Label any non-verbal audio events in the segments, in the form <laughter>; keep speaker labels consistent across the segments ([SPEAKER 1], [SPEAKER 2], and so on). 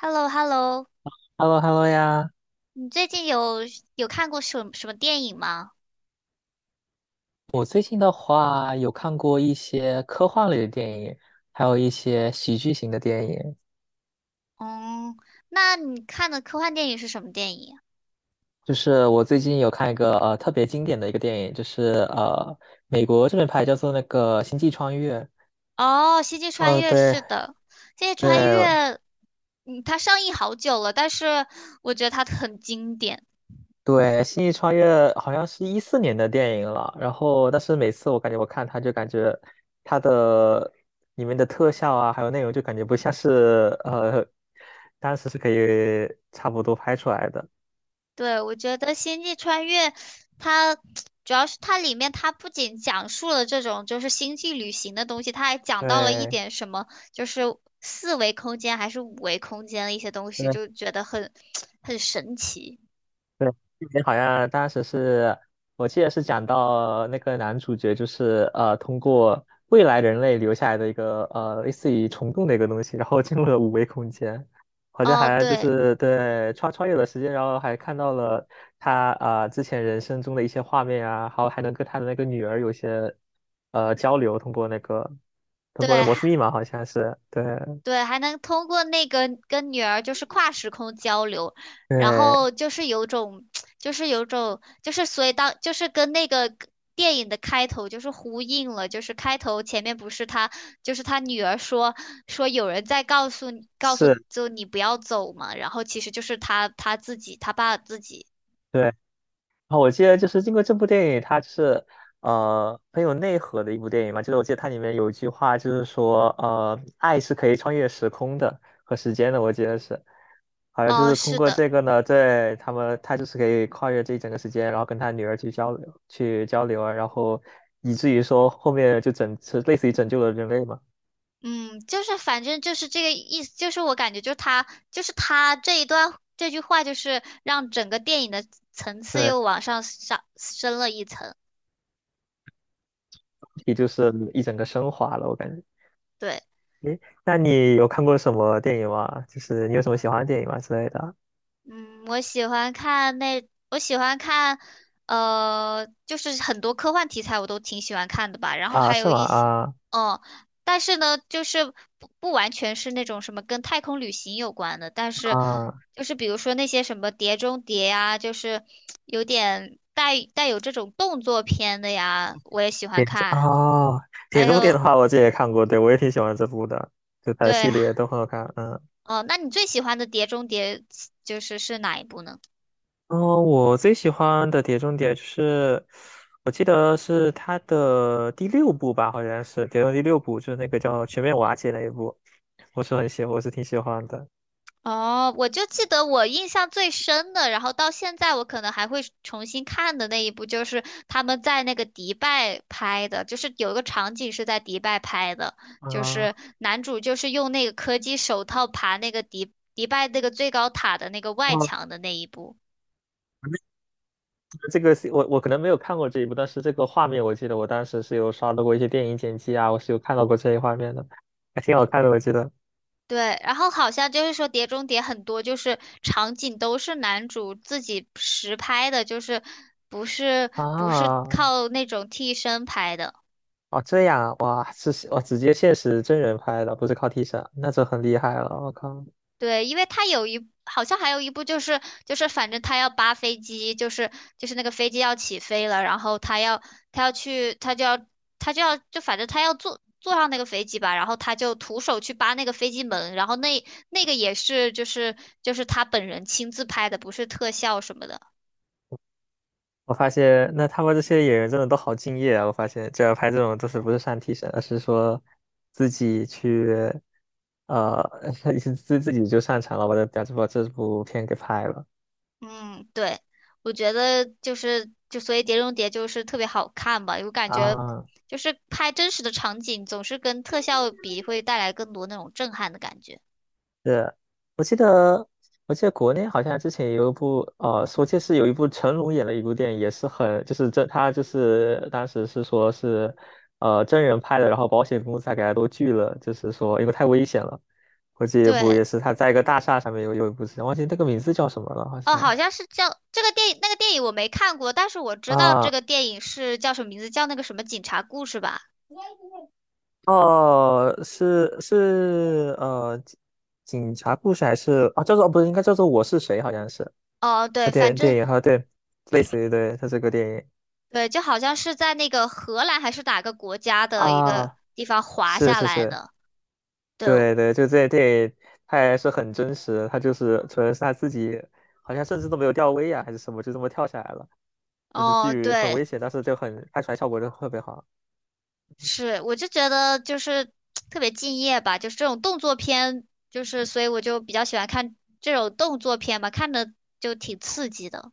[SPEAKER 1] h e l l o h e l l o。
[SPEAKER 2] h e l l o h e l l o 呀！
[SPEAKER 1] 你最近有看过什么电影吗？
[SPEAKER 2] 我最近的话有看过一些科幻类的电影，还有一些喜剧型的电影。
[SPEAKER 1] 嗯，那你看的科幻电影是什么电影？
[SPEAKER 2] 就是我最近有看一个特别经典的一个电影，就是美国这边拍叫做那个《星际穿越》。
[SPEAKER 1] 啊哦，《星际穿
[SPEAKER 2] 哦，
[SPEAKER 1] 越》
[SPEAKER 2] 对
[SPEAKER 1] 是的，《星际穿越》，
[SPEAKER 2] 对
[SPEAKER 1] 嗯，它上映好久了，但是我觉得它很经典。
[SPEAKER 2] 对，《星际穿越》好像是14年的电影了。然后，但是每次我感觉我看它就感觉它的里面的特效啊，还有内容就感觉不像是<laughs> 当时是可以差不多拍出来的。
[SPEAKER 1] 对，我觉得《星际穿越》它主要是它里面它不仅讲述了这种就是星际旅行的东西，它还讲到了一
[SPEAKER 2] 对，
[SPEAKER 1] 点什么，就是四维空间还是五维空间的一些东西，
[SPEAKER 2] 对
[SPEAKER 1] 就觉得很 <tsk> 很神奇。
[SPEAKER 2] 对，这边好像当时是，我记得是讲到那个男主角就是通过未来人类留下来的一个类似于虫洞的一个东西，然后进入了五维空间，好像
[SPEAKER 1] 哦，
[SPEAKER 2] 还就
[SPEAKER 1] 对
[SPEAKER 2] 是 <laughs> 对穿越了时间，然后还看到了他啊、之前人生中的一些画面啊，还有还能跟他的那个女儿有些交流，通过那
[SPEAKER 1] 对，
[SPEAKER 2] 摩斯密码好像是对
[SPEAKER 1] 对，还能通过那个跟女儿就是跨时空交流，然
[SPEAKER 2] 对
[SPEAKER 1] 后就是有种，<tsk> 就是有种，就是所以当就是跟那个电影的开头就是呼应了，就是开头前面不是他就是他女儿说有人在告诉你告诉
[SPEAKER 2] 是。
[SPEAKER 1] 就你不要走嘛，然后其实就是他自己他爸自己。
[SPEAKER 2] 对啊，我记得就是经过这部电影，它就是很有内核的一部电影嘛。就是我记得它里面有一句话，就是说爱是可以穿越时空的和时间的，我记得是，好像就
[SPEAKER 1] 哦，
[SPEAKER 2] 是通
[SPEAKER 1] 是
[SPEAKER 2] 过
[SPEAKER 1] 的。
[SPEAKER 2] 这个呢，对他们他就是可以跨越这一整个时间，然后跟他女儿去交流去交流啊，然后以至于说后面就是类似于拯救了人类嘛。
[SPEAKER 1] 嗯，就是反正就是这个意思，就是我感觉就是他，就是他这一段这句话，就是让整个电影的层次
[SPEAKER 2] 对，
[SPEAKER 1] 又往上上升了一层。
[SPEAKER 2] 也就是一整个升华了，我感觉。
[SPEAKER 1] 对。
[SPEAKER 2] 诶，那你有看过什么电影吗？就是你有什么喜欢的电影吗之类的？
[SPEAKER 1] 嗯，我喜欢看那，我喜欢看，就是很多科幻题材我都挺喜欢看的吧。然后
[SPEAKER 2] 啊，
[SPEAKER 1] 还
[SPEAKER 2] 是
[SPEAKER 1] 有
[SPEAKER 2] 吗？
[SPEAKER 1] 一些，
[SPEAKER 2] 啊。
[SPEAKER 1] 嗯，但是呢，就是不完全是那种什么跟太空旅行有关的，但是
[SPEAKER 2] 啊，
[SPEAKER 1] 就是比如说那些什么《碟中谍》呀，就是有点带有这种动作片的呀，我也喜欢
[SPEAKER 2] 铁中
[SPEAKER 1] 看。
[SPEAKER 2] 啊，铁
[SPEAKER 1] 还
[SPEAKER 2] 中谍的
[SPEAKER 1] 有，
[SPEAKER 2] 话，我这也看过，对，我也挺喜欢这部的，就它的
[SPEAKER 1] 对，
[SPEAKER 2] 系列都很好看。嗯，
[SPEAKER 1] 哦，那你最喜欢的《碟中谍》就是哪一部呢？
[SPEAKER 2] 哦，我最喜欢的铁中谍就是，我记得是它的第六部吧，好像是铁中谍第六部，就是那个叫全面瓦解那一部，我是挺喜欢的。
[SPEAKER 1] 哦，我就记得我印象最深的，然后到现在我可能还会重新看的那一部，就是他们在那个迪拜拍的，就是有一个场景是在迪拜拍的，
[SPEAKER 2] 啊、
[SPEAKER 1] 就
[SPEAKER 2] 哦，
[SPEAKER 1] 是男主就是用那个科技手套爬那个迪拜那个最高塔的那个外墙的那一部。
[SPEAKER 2] 那个这个是我可能没有看过这一部，但是这个画面我记得我当时是有刷到过一些电影剪辑啊，我是有看到过这一画面的，还挺好看的，我记得。
[SPEAKER 1] 对，然后好像就是说《碟中谍》很多就是场景都是男主自己实拍的，就是不是
[SPEAKER 2] 啊，
[SPEAKER 1] 靠那种替身拍的。
[SPEAKER 2] 哦，这样啊，哇，是我直接现实真人拍的，不是靠替身，那就很厉害了。我靠，
[SPEAKER 1] 对，因为他有一，好像还有一部就是就是反正他要扒飞机，就是就是那个飞机要起飞了，然后他要他要去，他就要他就要就反正他要坐上那个飞机吧，然后他就徒手去扒那个飞机门，然后那那个也是就是就是他本人亲自拍的，不是特效什么的。
[SPEAKER 2] 我发现那他们这些演员真的都好敬业啊！我发现这要拍这种就是不是上替身，而是说自己去，呃，<laughs> 自己就上场了，把这部片给拍了
[SPEAKER 1] 嗯，对，我觉得就是就所以《碟中谍》就是特别好看吧，我感觉。
[SPEAKER 2] 啊。
[SPEAKER 1] 就是拍真实的场景，总是跟特效比，会带来更多那种震撼的感觉。
[SPEAKER 2] 是，我记得，我记得国内好像之前有一部，说这是有一部成龙演了一部电影，也是很，就是这他就是当时是说是，真人拍的，然后保险公司还给他都拒了，就是说因为太危险了。我记得一部
[SPEAKER 1] 对，
[SPEAKER 2] 也是他在一个大厦上面有一部戏，忘记那个名字叫什么了，好
[SPEAKER 1] 哦，
[SPEAKER 2] 像
[SPEAKER 1] 好像是叫这个电影，那个电影我没看过，但是我知道这
[SPEAKER 2] 啊，
[SPEAKER 1] 个电影是叫什么名字，叫那个什么警察故事吧？
[SPEAKER 2] 哦，是是警察故事还是啊，叫做不是应该叫做我是谁，好像是。
[SPEAKER 1] 哦，对，反
[SPEAKER 2] 电
[SPEAKER 1] 正
[SPEAKER 2] 影哈，对，类似于对，他这个电影。
[SPEAKER 1] 对，就好像是在那个荷兰还是哪个国家的一个
[SPEAKER 2] 啊，
[SPEAKER 1] 地方滑
[SPEAKER 2] 是
[SPEAKER 1] 下
[SPEAKER 2] 是
[SPEAKER 1] 来
[SPEAKER 2] 是，
[SPEAKER 1] 的。对，
[SPEAKER 2] 对对，就这，他也是很真实，他就是纯是他自己，好像甚至都没有吊威亚还是什么，就这么跳下来了，就是
[SPEAKER 1] 哦，
[SPEAKER 2] 剧很
[SPEAKER 1] 对，
[SPEAKER 2] 危险，但是就很拍出来效果就特别好
[SPEAKER 1] 是，我就觉得就是特别敬业吧，就是这种动作片，就是所以我就比较喜欢看这种动作片吧，看着就挺刺激的。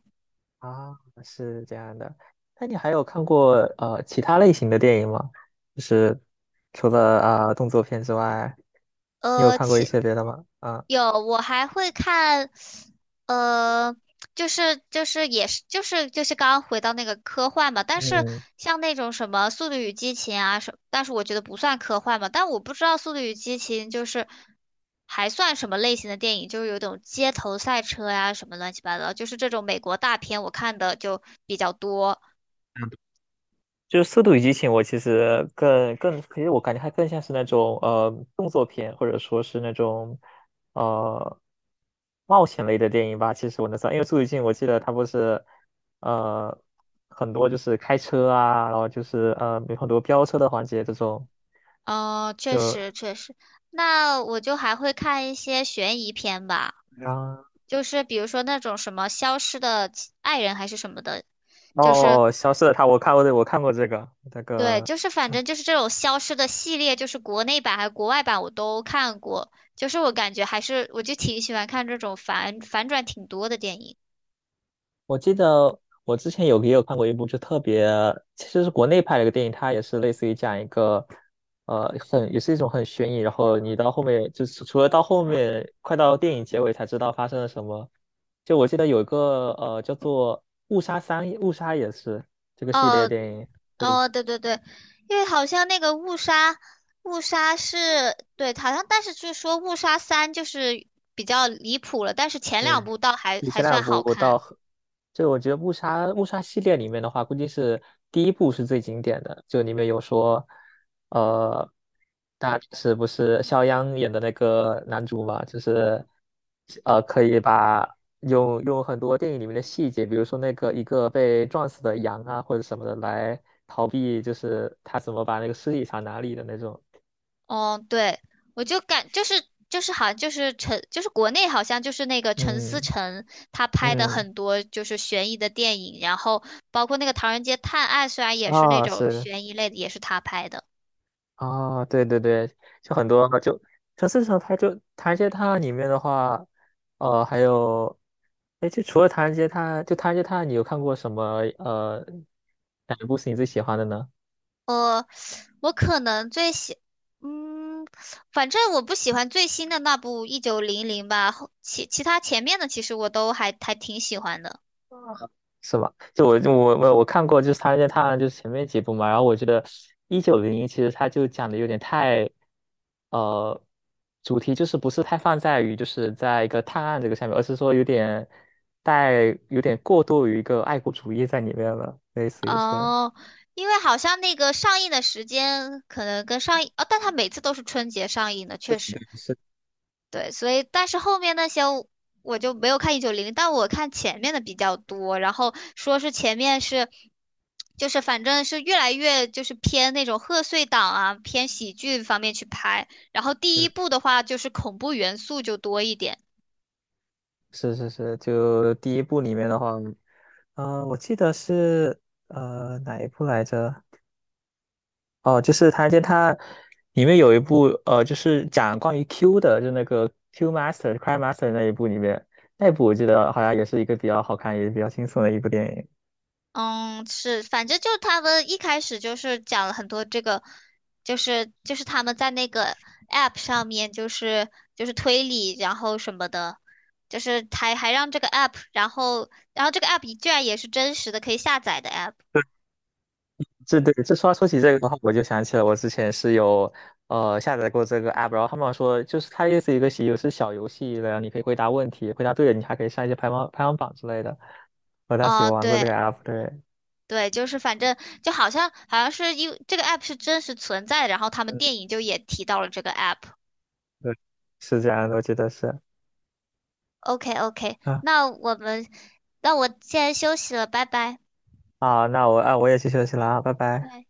[SPEAKER 2] 啊，是这样的。那你还有看过其他类型的电影吗？就是除了啊、动作片之外，你有
[SPEAKER 1] 呃，
[SPEAKER 2] 看过一
[SPEAKER 1] 其
[SPEAKER 2] 些别的吗？啊，
[SPEAKER 1] 有，我还会看，呃，就是就是也是就是就是刚刚回到那个科幻嘛，但是
[SPEAKER 2] 嗯。
[SPEAKER 1] 像那种什么《速度与激情》啊什，但是我觉得不算科幻嘛，但我不知道《速度与激情》就是还算什么类型的电影，就是有种街头赛车呀什么乱七八糟，就是这种美国大片我看的就比较多。
[SPEAKER 2] 就是《速度与激情》，我其实更，其实我感觉它更像是那种动作片，或者说是那种呃冒险类的电影吧。其实我能算，因为《速度与激情》，我记得它不是呃很多就是开车啊，然后就是有很多飙车的环节这种，
[SPEAKER 1] 哦，确
[SPEAKER 2] 就
[SPEAKER 1] 实确实，那我就还会看一些悬疑片吧。
[SPEAKER 2] 然
[SPEAKER 1] 就是比如说那种什么消失的亲爱人还是什么的，就是
[SPEAKER 2] 后哦消失的他，我看过这个那
[SPEAKER 1] 对，
[SPEAKER 2] 个
[SPEAKER 1] 就是反正就是这种消失的系列，就是国内版还是国外版我都看过，就是我感觉还是我就挺喜欢看这种反转挺多的电影。
[SPEAKER 2] 我记得我之前有也有看过一部，就特别其实是国内拍的一个电影，它也是类似于讲一个，很也是一种很悬疑，然后你到后面就是除了到后面快到电影结尾才知道发生了什么。就我记得有一个叫做《误杀三》，《误杀》也是这个系列
[SPEAKER 1] 哦
[SPEAKER 2] 电影，对，
[SPEAKER 1] 哦，对对对，因为好像那个误杀，误杀是对，好像但是就是说误杀三就是比较离谱了，但是前两部倒还
[SPEAKER 2] 比前
[SPEAKER 1] 还算
[SPEAKER 2] 两
[SPEAKER 1] 好
[SPEAKER 2] 部到
[SPEAKER 1] 看。
[SPEAKER 2] 很，就我觉得误杀》《误杀》系列里面的话，估计是第一部是最经典的，就里面有说，呃，是不是肖央演的那个男主嘛，就是可以把用很多电影里面的细节，比如说那个一个被撞死的羊啊或者什么的来逃避，就是他怎么把那个尸体藏哪里的那种。
[SPEAKER 1] 哦，对，我就感就是就是好像就是陈就是国内好像就是那个陈思
[SPEAKER 2] 嗯
[SPEAKER 1] 诚他拍的
[SPEAKER 2] 嗯，
[SPEAKER 1] 很多就是悬疑的电影，然后包括那个《唐人街探案》，虽然也是那
[SPEAKER 2] 啊、
[SPEAKER 1] 种
[SPEAKER 2] 是。
[SPEAKER 1] 悬疑类的，也是他拍的。
[SPEAKER 2] 啊、对对对，就很多就至少它就唐人街探案里面的话，还有哎，就除了唐人街探案，就唐人街探案，你有看过什么哪一部是你最喜欢的呢？
[SPEAKER 1] 呃，我可能最喜，嗯，反正我不喜欢最新的那部《一九零零》吧，后其他前面的其实我都还挺喜欢的。
[SPEAKER 2] 是吧？就我看过，就是《唐人街探案》就是前面几部嘛，然后我觉得1901其实它就讲的有点太，呃，主题就是不是太放在于就是在一个探案这个上面，而是说有点带有点过度于一个爱国主义在里面了，类似于是
[SPEAKER 1] 哦，因为好像那个上映的时间可能跟上映，哦，但它每次都是春节上映的，确实，
[SPEAKER 2] 是
[SPEAKER 1] 对，所以但是后面那些我就没有看一九零零，但我看前面的比较多，然后说是前面是，就是反正是越来越就是偏那种贺岁档啊，偏喜剧方面去拍，然后第一部
[SPEAKER 2] <laughs>
[SPEAKER 1] 的话就是恐怖元素就多一点。
[SPEAKER 2] 是是是，就第一部里面的话，嗯，我记得是哪一部来着？哦，就是它，就它里面有一部，就是讲关于 Q 的，就那个 Q Master、Cry Master 那一部里面，那一部我记得好像也是一个比较好看，也比较轻松的一部电影。
[SPEAKER 1] 嗯，是，反正就他们一开始就是讲了很多这个，就是他们在那个 app 上面，就是推理，然后什么的，就是还让这个 app,然后这个 app 居然也是真实的可以下载的 app。
[SPEAKER 2] 这对，这说起这个的话，我就想起了我之前是有下载过这个 app，然后他们说就是它也是一个有是小游戏的，然后你可以回答问题，回答对了你还可以上一些排行榜之类的。我当时有
[SPEAKER 1] 哦，
[SPEAKER 2] 玩过这个
[SPEAKER 1] 对
[SPEAKER 2] app，对，
[SPEAKER 1] 对，就是反正就好像是因为这个 app 是真实存在的，然后他们
[SPEAKER 2] 嗯，
[SPEAKER 1] 电影就也提到了这个 app。
[SPEAKER 2] 对，是这样的，我记得是。
[SPEAKER 1] OK OK,
[SPEAKER 2] 啊，
[SPEAKER 1] 那我们那我现在休息了，拜拜。
[SPEAKER 2] 好，那我啊我也去休息了啊，拜拜。
[SPEAKER 1] 对。